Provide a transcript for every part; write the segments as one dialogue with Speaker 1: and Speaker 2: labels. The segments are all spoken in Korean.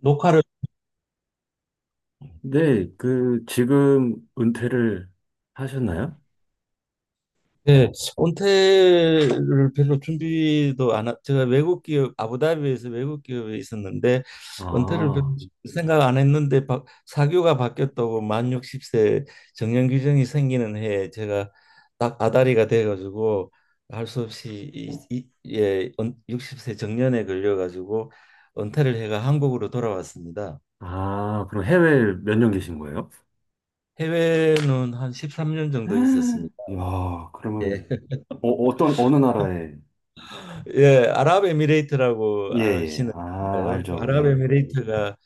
Speaker 1: 녹화를
Speaker 2: 네, 그, 지금 은퇴를 하셨나요?
Speaker 1: 네, 온태를 별로 준비도 안 하, 제가 외국 기업 아부다비에서 외국 기업에 있었는데 은퇴를 별로
Speaker 2: 아,
Speaker 1: 생각 안 했는데 사교가 바뀌었다고 만 60세 정년 규정이 생기는 해에 제가 딱 아다리가 돼가지고 할 수 없이 예, 60세 정년에 걸려가지고 은퇴를 해가 한국으로 돌아왔습니다.
Speaker 2: 아, 그럼 해외에 몇 년 계신 거예요?
Speaker 1: 해외는 한 13년 정도 있었습니다.
Speaker 2: 야, 그러면,
Speaker 1: 예.
Speaker 2: 어떤, 어느 나라에?
Speaker 1: 예, 아랍에미레이트라고
Speaker 2: 예, 예. 아,
Speaker 1: 아시는가요?
Speaker 2: 알죠, 예.
Speaker 1: 아랍에미레이트가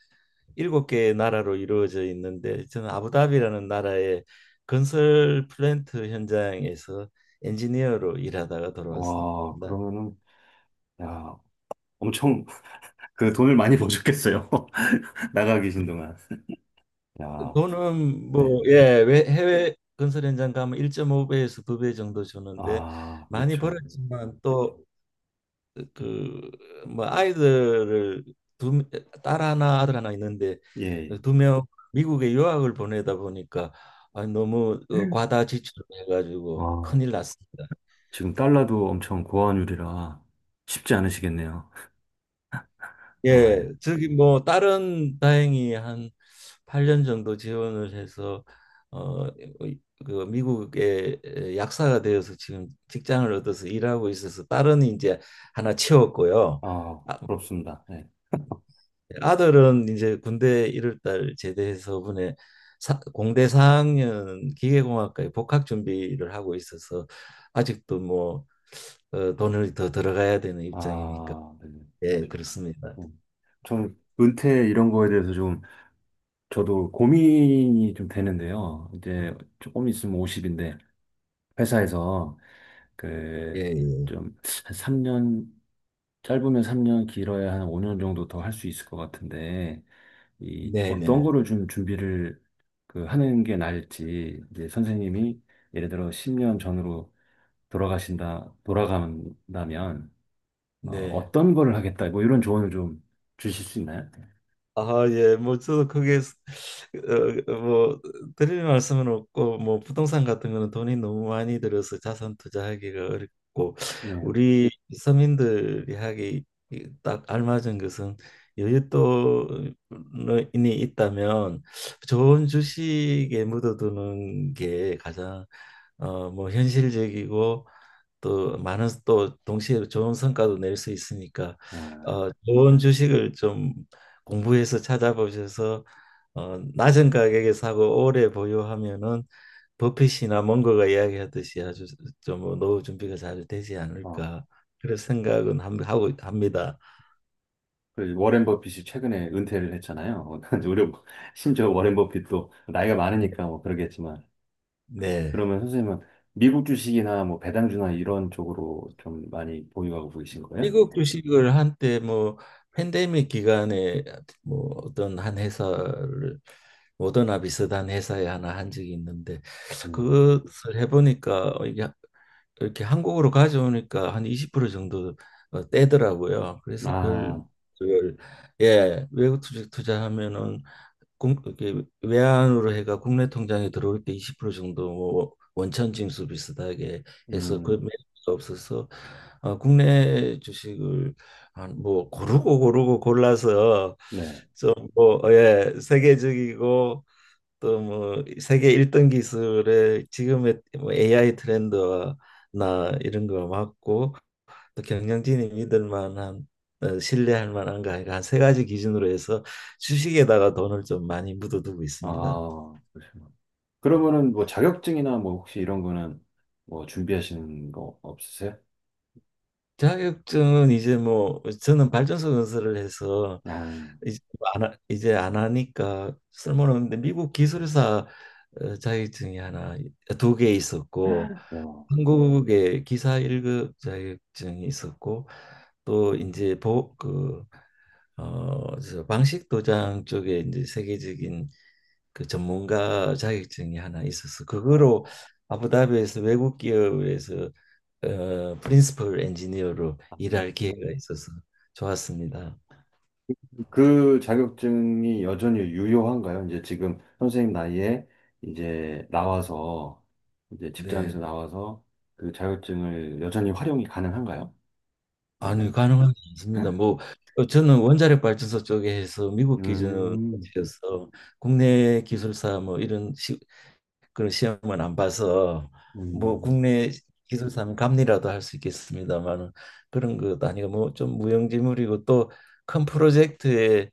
Speaker 1: 일곱 개의 나라로 이루어져 있는데 저는 아부다비라는 나라의 건설 플랜트 현장에서 엔지니어로 일하다가 돌아왔습니다.
Speaker 2: 와, 그러면은, 야, 엄청, 그 돈을 많이 버셨겠어요. 나가 계신 동안. 야,
Speaker 1: 돈은
Speaker 2: 네.
Speaker 1: 뭐 예, 해외 건설 현장 가면 1.5배에서 2배 정도 주는데
Speaker 2: 아,
Speaker 1: 많이
Speaker 2: 그렇죠.
Speaker 1: 벌었지만 또 그 뭐 아이들을 두 딸 하나 아들 하나 있는데
Speaker 2: 예.
Speaker 1: 두 명 미국에 유학을 보내다 보니까 아, 너무
Speaker 2: 예.
Speaker 1: 과다 지출을 해가지고
Speaker 2: 와,
Speaker 1: 큰일 났습니다.
Speaker 2: 지금 달러도 엄청 고환율이라 쉽지 않으시겠네요. 아,
Speaker 1: 예, 저기 뭐 딸은 다행히 한 8년 정도 지원을 해서 어, 그 미국의 약사가 되어서 지금 직장을 얻어서 일하고 있어서 딸은 이제 하나 채웠고요.
Speaker 2: 아,
Speaker 1: 아,
Speaker 2: 부럽습니다. 네.
Speaker 1: 아들은 이제 군대 1월달 제대해서 이번에 공대 4학년 기계공학과에 복학 준비를 하고 있어서 아직도 뭐 돈을 더 들어가야 되는 입장이니까
Speaker 2: 아, 네. 네.
Speaker 1: 예
Speaker 2: 그렇죠.
Speaker 1: 그렇습니다.
Speaker 2: 음. 저는 은퇴 이런 거에 대해서 좀 저도 고민이 좀 되는데요. 이제 조금 있으면 50인데 회사에서
Speaker 1: 예,
Speaker 2: 그
Speaker 1: 예.
Speaker 2: 좀 한 3년, 짧으면 3년 길어야 한 5년 정도 더 할 수 있을 것 같은데 이
Speaker 1: 네,
Speaker 2: 어떤
Speaker 1: 네,
Speaker 2: 거를 좀 준비를 그 하는 게 나을지, 이제 선생님이 예를 들어 10년 전으로 돌아가신다 돌아간다면
Speaker 1: 네.
Speaker 2: 어떤 거를 하겠다, 뭐 이런 조언을 좀 주실 수 있나요?
Speaker 1: 아, 예, 뭐 저도 크게 뭐 드릴 말씀은 없고 뭐 부동산 같은 거는 돈이 너무 많이 들어서 자산 투자하기가 어렵고
Speaker 2: 네.
Speaker 1: 우리 서민들이 하기 딱 알맞은 것은 여윳돈이 있다면 좋은 주식에 묻어두는 게 가장 뭐 현실적이고 또 많은 또 동시에 좋은 성과도 낼 수 있으니까
Speaker 2: 아,
Speaker 1: 좋은 주식을 좀 공부해서 찾아보셔서 낮은 가격에 사고 오래 보유하면은 버핏이나 멍거가 이야기하듯이 아주 좀 노후 준비가 잘 되지
Speaker 2: 어,
Speaker 1: 않을까 그런 생각은 하고 합니다.
Speaker 2: 그 워렌 버핏이 최근에 은퇴를 했잖아요. 우리, 심지어 워렌 버핏도 나이가 많으니까 뭐 그러겠지만,
Speaker 1: 네.
Speaker 2: 그러면 선생님은 미국 주식이나 뭐 배당주나 이런 쪽으로 좀 많이 보유하고 계신 거예요?
Speaker 1: 미국 주식을 한때 뭐 팬데믹 기간에 뭐 어떤 한 회사를 모더나 비슷한 회사에 하나 한 적이 있는데
Speaker 2: 음.
Speaker 1: 그것을 해보니까 이게 이렇게 한국으로 가져오니까 한 20% 정도 떼더라고요. 그래서
Speaker 2: 아,
Speaker 1: 별, 예, 외국 주식 투자하면은 이게 외환으로 해가 국내 통장에 들어올 때 20% 정도 뭐 원천 징수 비슷하게 해서 그
Speaker 2: 음,
Speaker 1: 매력이 없어서 국내 주식을 한 뭐 고르고 골라서
Speaker 2: 네.
Speaker 1: 좀뭐예 세계적이고 또 뭐 세계 1등 기술의 지금의 뭐 AI 트렌드나 이런 거 맞고 경영진이 믿을 만한 신뢰할 만한가 가 한세 가지 기준으로 해서 주식에다가 돈을 좀 많이 묻어두고 있습니다.
Speaker 2: 아, 그러시구나. 그러면은 뭐 자격증이나 뭐 혹시 이런 거는 뭐 준비하시는 거 없으세요?
Speaker 1: 자격증은 이제 뭐 저는 발전소 건설을 해서
Speaker 2: 아,
Speaker 1: 이제 뭐 안, 하- 이제 안 하니까 쓸모없는데 미국 기술사 자격증이 하나 두 개 있었고
Speaker 2: 그래요.
Speaker 1: 한국의 기사 1급 자격증이 있었고 또 이제 어, 저 방식 도장 쪽에 이제 세계적인 그 전문가 자격증이 하나 있어서
Speaker 2: 어,
Speaker 1: 그거로 아부다비에서 외국 기업에서 프린시플 엔지니어로 일할 기회가 있어서 좋았습니다.
Speaker 2: 그 자격증이 여전히 유효한가요? 이제 지금 선생님 나이에 이제 나와서, 이제 직장에서
Speaker 1: 네.
Speaker 2: 나와서 그 자격증을 여전히 활용이 가능한가요?
Speaker 1: 아니
Speaker 2: 아니면
Speaker 1: 가능하지 않습니다. 뭐 저는 원자력 발전소 쪽에 해서 미국 기준이어서
Speaker 2: 음,
Speaker 1: 국내 기술사 그런 시험은 안 봐서 뭐
Speaker 2: 음,
Speaker 1: 국내 기술사면 감리라도 할 수 있겠습니다만은 그런 것 아니고 뭐 좀 무용지물이고 또 큰 프로젝트에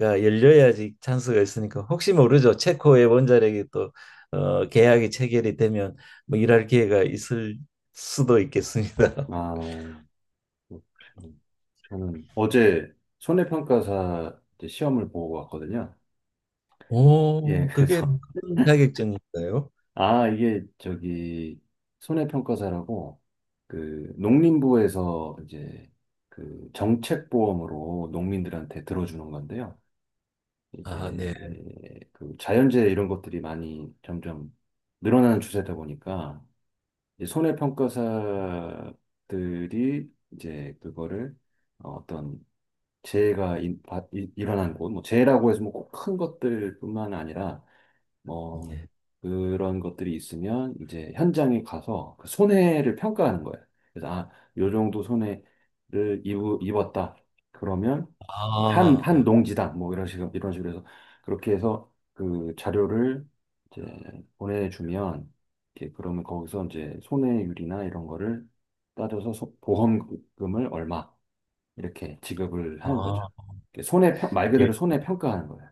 Speaker 1: 가 열려야지 찬스가 있으니까 혹시 모르죠. 체코의 원자력이 또 계약이 체결이 되면 뭐 일할 기회가 있을 수도 있겠습니다.
Speaker 2: 아, 그렇군요. 저는 어제 손해평가사 이제 시험을 보고 왔거든요. 예,
Speaker 1: 오, 그게
Speaker 2: 그래서
Speaker 1: 무슨 자격증인가요?
Speaker 2: 아, 이게 저기 손해평가사라고 그 농림부에서 이제 그 정책보험으로 농민들한테 들어주는 건데요.
Speaker 1: 아, 네.
Speaker 2: 이제 그 자연재해 이런 것들이 많이 점점 늘어나는 추세다 보니까 이제 손해평가사들이 이제 그거를 어떤 재해가 일어난 곳, 뭐 재해라고 해서 뭐 꼭 큰 것들뿐만 아니라 뭐
Speaker 1: 네
Speaker 2: 그런 것들이 있으면 이제 현장에 가서 그 손해를 평가하는 거예요. 그래서 아, 요 정도 손해를 입었다. 그러면 한
Speaker 1: 아,
Speaker 2: 농지당 뭐 이런 식으로 이런 식으로 해서, 그렇게 해서 그 자료를 이제 보내주면 이렇게, 그러면 거기서 이제 손해율이나 이런 거를 따져서 보험금을 얼마 이렇게 지급을 하는 거죠.
Speaker 1: 아,
Speaker 2: 이렇게 손해 말
Speaker 1: 예.
Speaker 2: 그대로 손해 평가하는 거예요.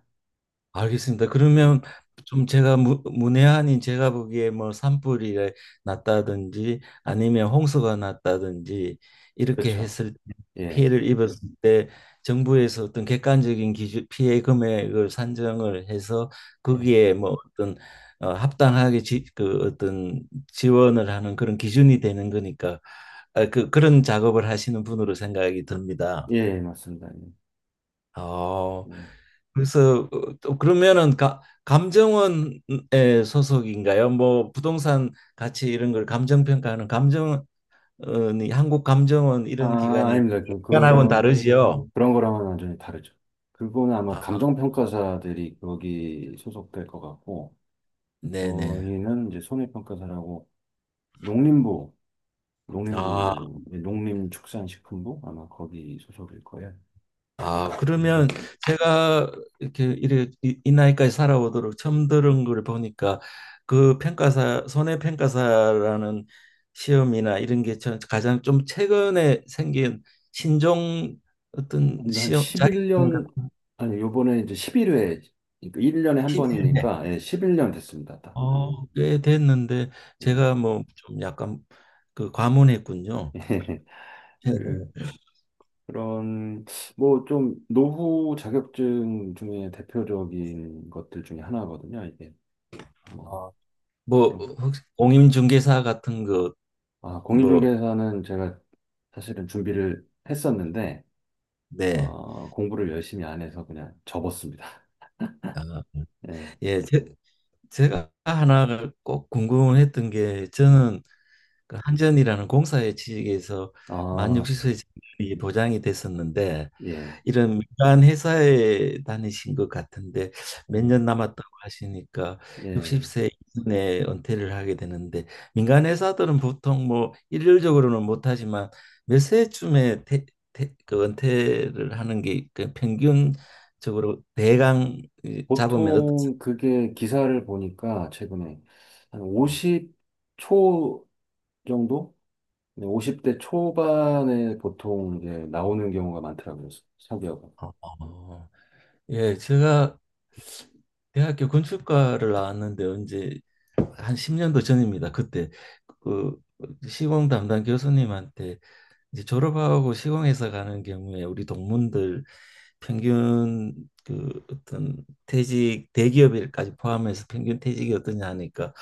Speaker 1: 알겠습니다.
Speaker 2: 예,
Speaker 1: 그러면 좀 제가 문외한인 제가 보기에 뭐 산불이 났다든지 아니면 홍수가 났다든지 이렇게
Speaker 2: 그렇죠.
Speaker 1: 했을 때
Speaker 2: 예.
Speaker 1: 피해를 입었을 때 정부에서 어떤 객관적인 기준 피해 금액을 산정을 해서
Speaker 2: 예.
Speaker 1: 거기에 뭐 어떤 합당하게 그 어떤 지원을 하는 그런 기준이 되는 거니까 아, 그 그런 작업을 하시는 분으로 생각이 듭니다.
Speaker 2: 예, 예, 맞습니다. 예.
Speaker 1: 어,
Speaker 2: 음.
Speaker 1: 그래서 또 그러면은 감정원에 소속인가요? 뭐 부동산 가치 이런 걸 감정 평가하는 감정원이 한국 감정원
Speaker 2: 아,
Speaker 1: 이런 기관이
Speaker 2: 아닙니다.
Speaker 1: 기관하고는 다르지요?
Speaker 2: 그런 거랑은 완전히 다르죠. 그거는 아마
Speaker 1: 아,
Speaker 2: 감정평가사들이 거기 소속될 것 같고,
Speaker 1: 네네.
Speaker 2: 저희는 이제 손해평가사라고 농림부,
Speaker 1: 아,
Speaker 2: 예, 농림축산식품부 아마 거기 소속일 거예요.
Speaker 1: 아, 그러면
Speaker 2: 음,
Speaker 1: 제가 이 나이까지 살아오도록 처음 들은 걸 보니까 그 평가사 손해평가사라는 시험이나 이런 게 가장 좀 최근에 생긴 신종 어떤
Speaker 2: 근데 한
Speaker 1: 시험 자격증
Speaker 2: 11년,
Speaker 1: 같은
Speaker 2: 아니, 요번에 이제 11회, 그러니까 1년에 한
Speaker 1: 11회
Speaker 2: 번이니까, 예, 11년 됐습니다. 딱.
Speaker 1: 꽤 됐는데
Speaker 2: 음.
Speaker 1: 제가 뭐 좀 약간 그 과문했군요.
Speaker 2: 예,
Speaker 1: 그래서
Speaker 2: 그, 그런 뭐 좀 노후 자격증 중에 대표적인 것들 중에 하나거든요. 이게 뭐
Speaker 1: 어, 뭐
Speaker 2: 좀,
Speaker 1: 혹시 공인중개사 같은 거
Speaker 2: 아,
Speaker 1: 뭐
Speaker 2: 공인중개사는 제가 사실은 준비를 했었는데
Speaker 1: 네.
Speaker 2: 공부를 열심히 안 해서 그냥 접었습니다.
Speaker 1: 아,
Speaker 2: 예,
Speaker 1: 예, 제가 하나를 꼭 궁금했던 게
Speaker 2: 예.
Speaker 1: 저는 그 한전이라는 공사의 취직에서 만
Speaker 2: 아,
Speaker 1: 60세 정년이 보장이 됐었는데
Speaker 2: 예,
Speaker 1: 이런 민간 회사에 다니신 것 같은데
Speaker 2: 예,
Speaker 1: 몇 년 남았다고 하시니까
Speaker 2: 예.
Speaker 1: 60세 이전에 은퇴를 하게 되는데 민간 회사들은 보통 뭐 일률적으로는 못하지만 몇 세쯤에 그 은퇴를 하는 게그 평균적으로 대강 잡으면 어떻습니까?
Speaker 2: 보통 그게, 기사를 보니까 최근에 한 50초 정도, 근데 50대 초반에 보통 이제 나오는 경우가 많더라고요. 사기업은.
Speaker 1: 어. 예, 제가 대학교 건축과를 나왔는데 언제 한 10년도 전입니다. 그때 그 시공 담당 교수님한테 이제 졸업하고 시공해서 가는 경우에 우리 동문들 평균 그 어떤 퇴직 대기업일까지 포함해서 평균 퇴직이 어떠냐 하니까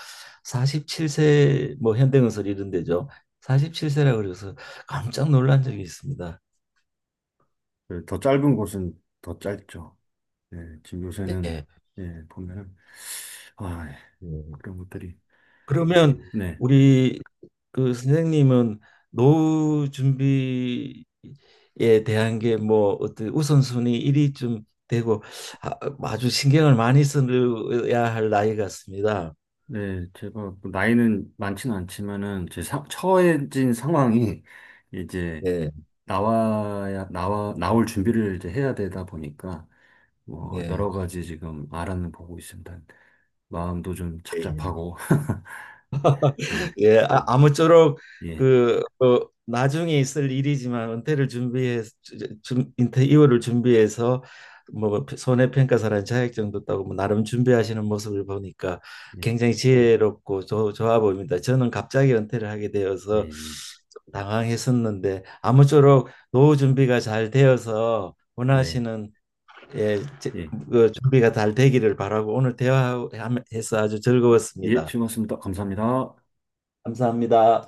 Speaker 1: 47세 뭐 현대건설 이런 데죠. 47세라 그래서 깜짝 놀란 적이 있습니다.
Speaker 2: 그더 짧은 곳은 더 짧죠. 예, 지금 요새는,
Speaker 1: 네.
Speaker 2: 예, 보면은, 아, 예, 그런 것들이.
Speaker 1: 그러면
Speaker 2: 네,
Speaker 1: 우리 그 선생님은 노후 준비에 대한 게 뭐 어떤 우선순위 1위쯤 되고 아, 아주 신경을 많이 써야 할 나이 같습니다.
Speaker 2: 네, 제가 뭐 나이는 많지는 않지만은, 처해진 상황이 이제
Speaker 1: 네,
Speaker 2: 나올 준비를 이제 해야 되다 보니까, 뭐, 여러
Speaker 1: 네,
Speaker 2: 가지 지금 알아는 보고 있습니다. 마음도 좀
Speaker 1: 네.
Speaker 2: 착잡하고, 예,
Speaker 1: 예, 아, 아무쪼록
Speaker 2: 예,
Speaker 1: 그 나중에 있을 일이지만 은퇴 이후를 준비해서 뭐 손해평가사라는 자격증도 따고 뭐 나름 준비하시는 모습을 보니까
Speaker 2: 예.
Speaker 1: 굉장히 지혜롭고 좋 좋아 보입니다. 저는 갑자기 은퇴를 하게 되어서
Speaker 2: 예,
Speaker 1: 좀 당황했었는데 아무쪼록 노후 준비가 잘 되어서
Speaker 2: 네.
Speaker 1: 원하시는 예,
Speaker 2: 예.
Speaker 1: 그 준비가 잘 되기를 바라고 오늘 대화해서 아주
Speaker 2: 예,
Speaker 1: 즐거웠습니다.
Speaker 2: 즐거웠습니다. 감사합니다.
Speaker 1: 감사합니다.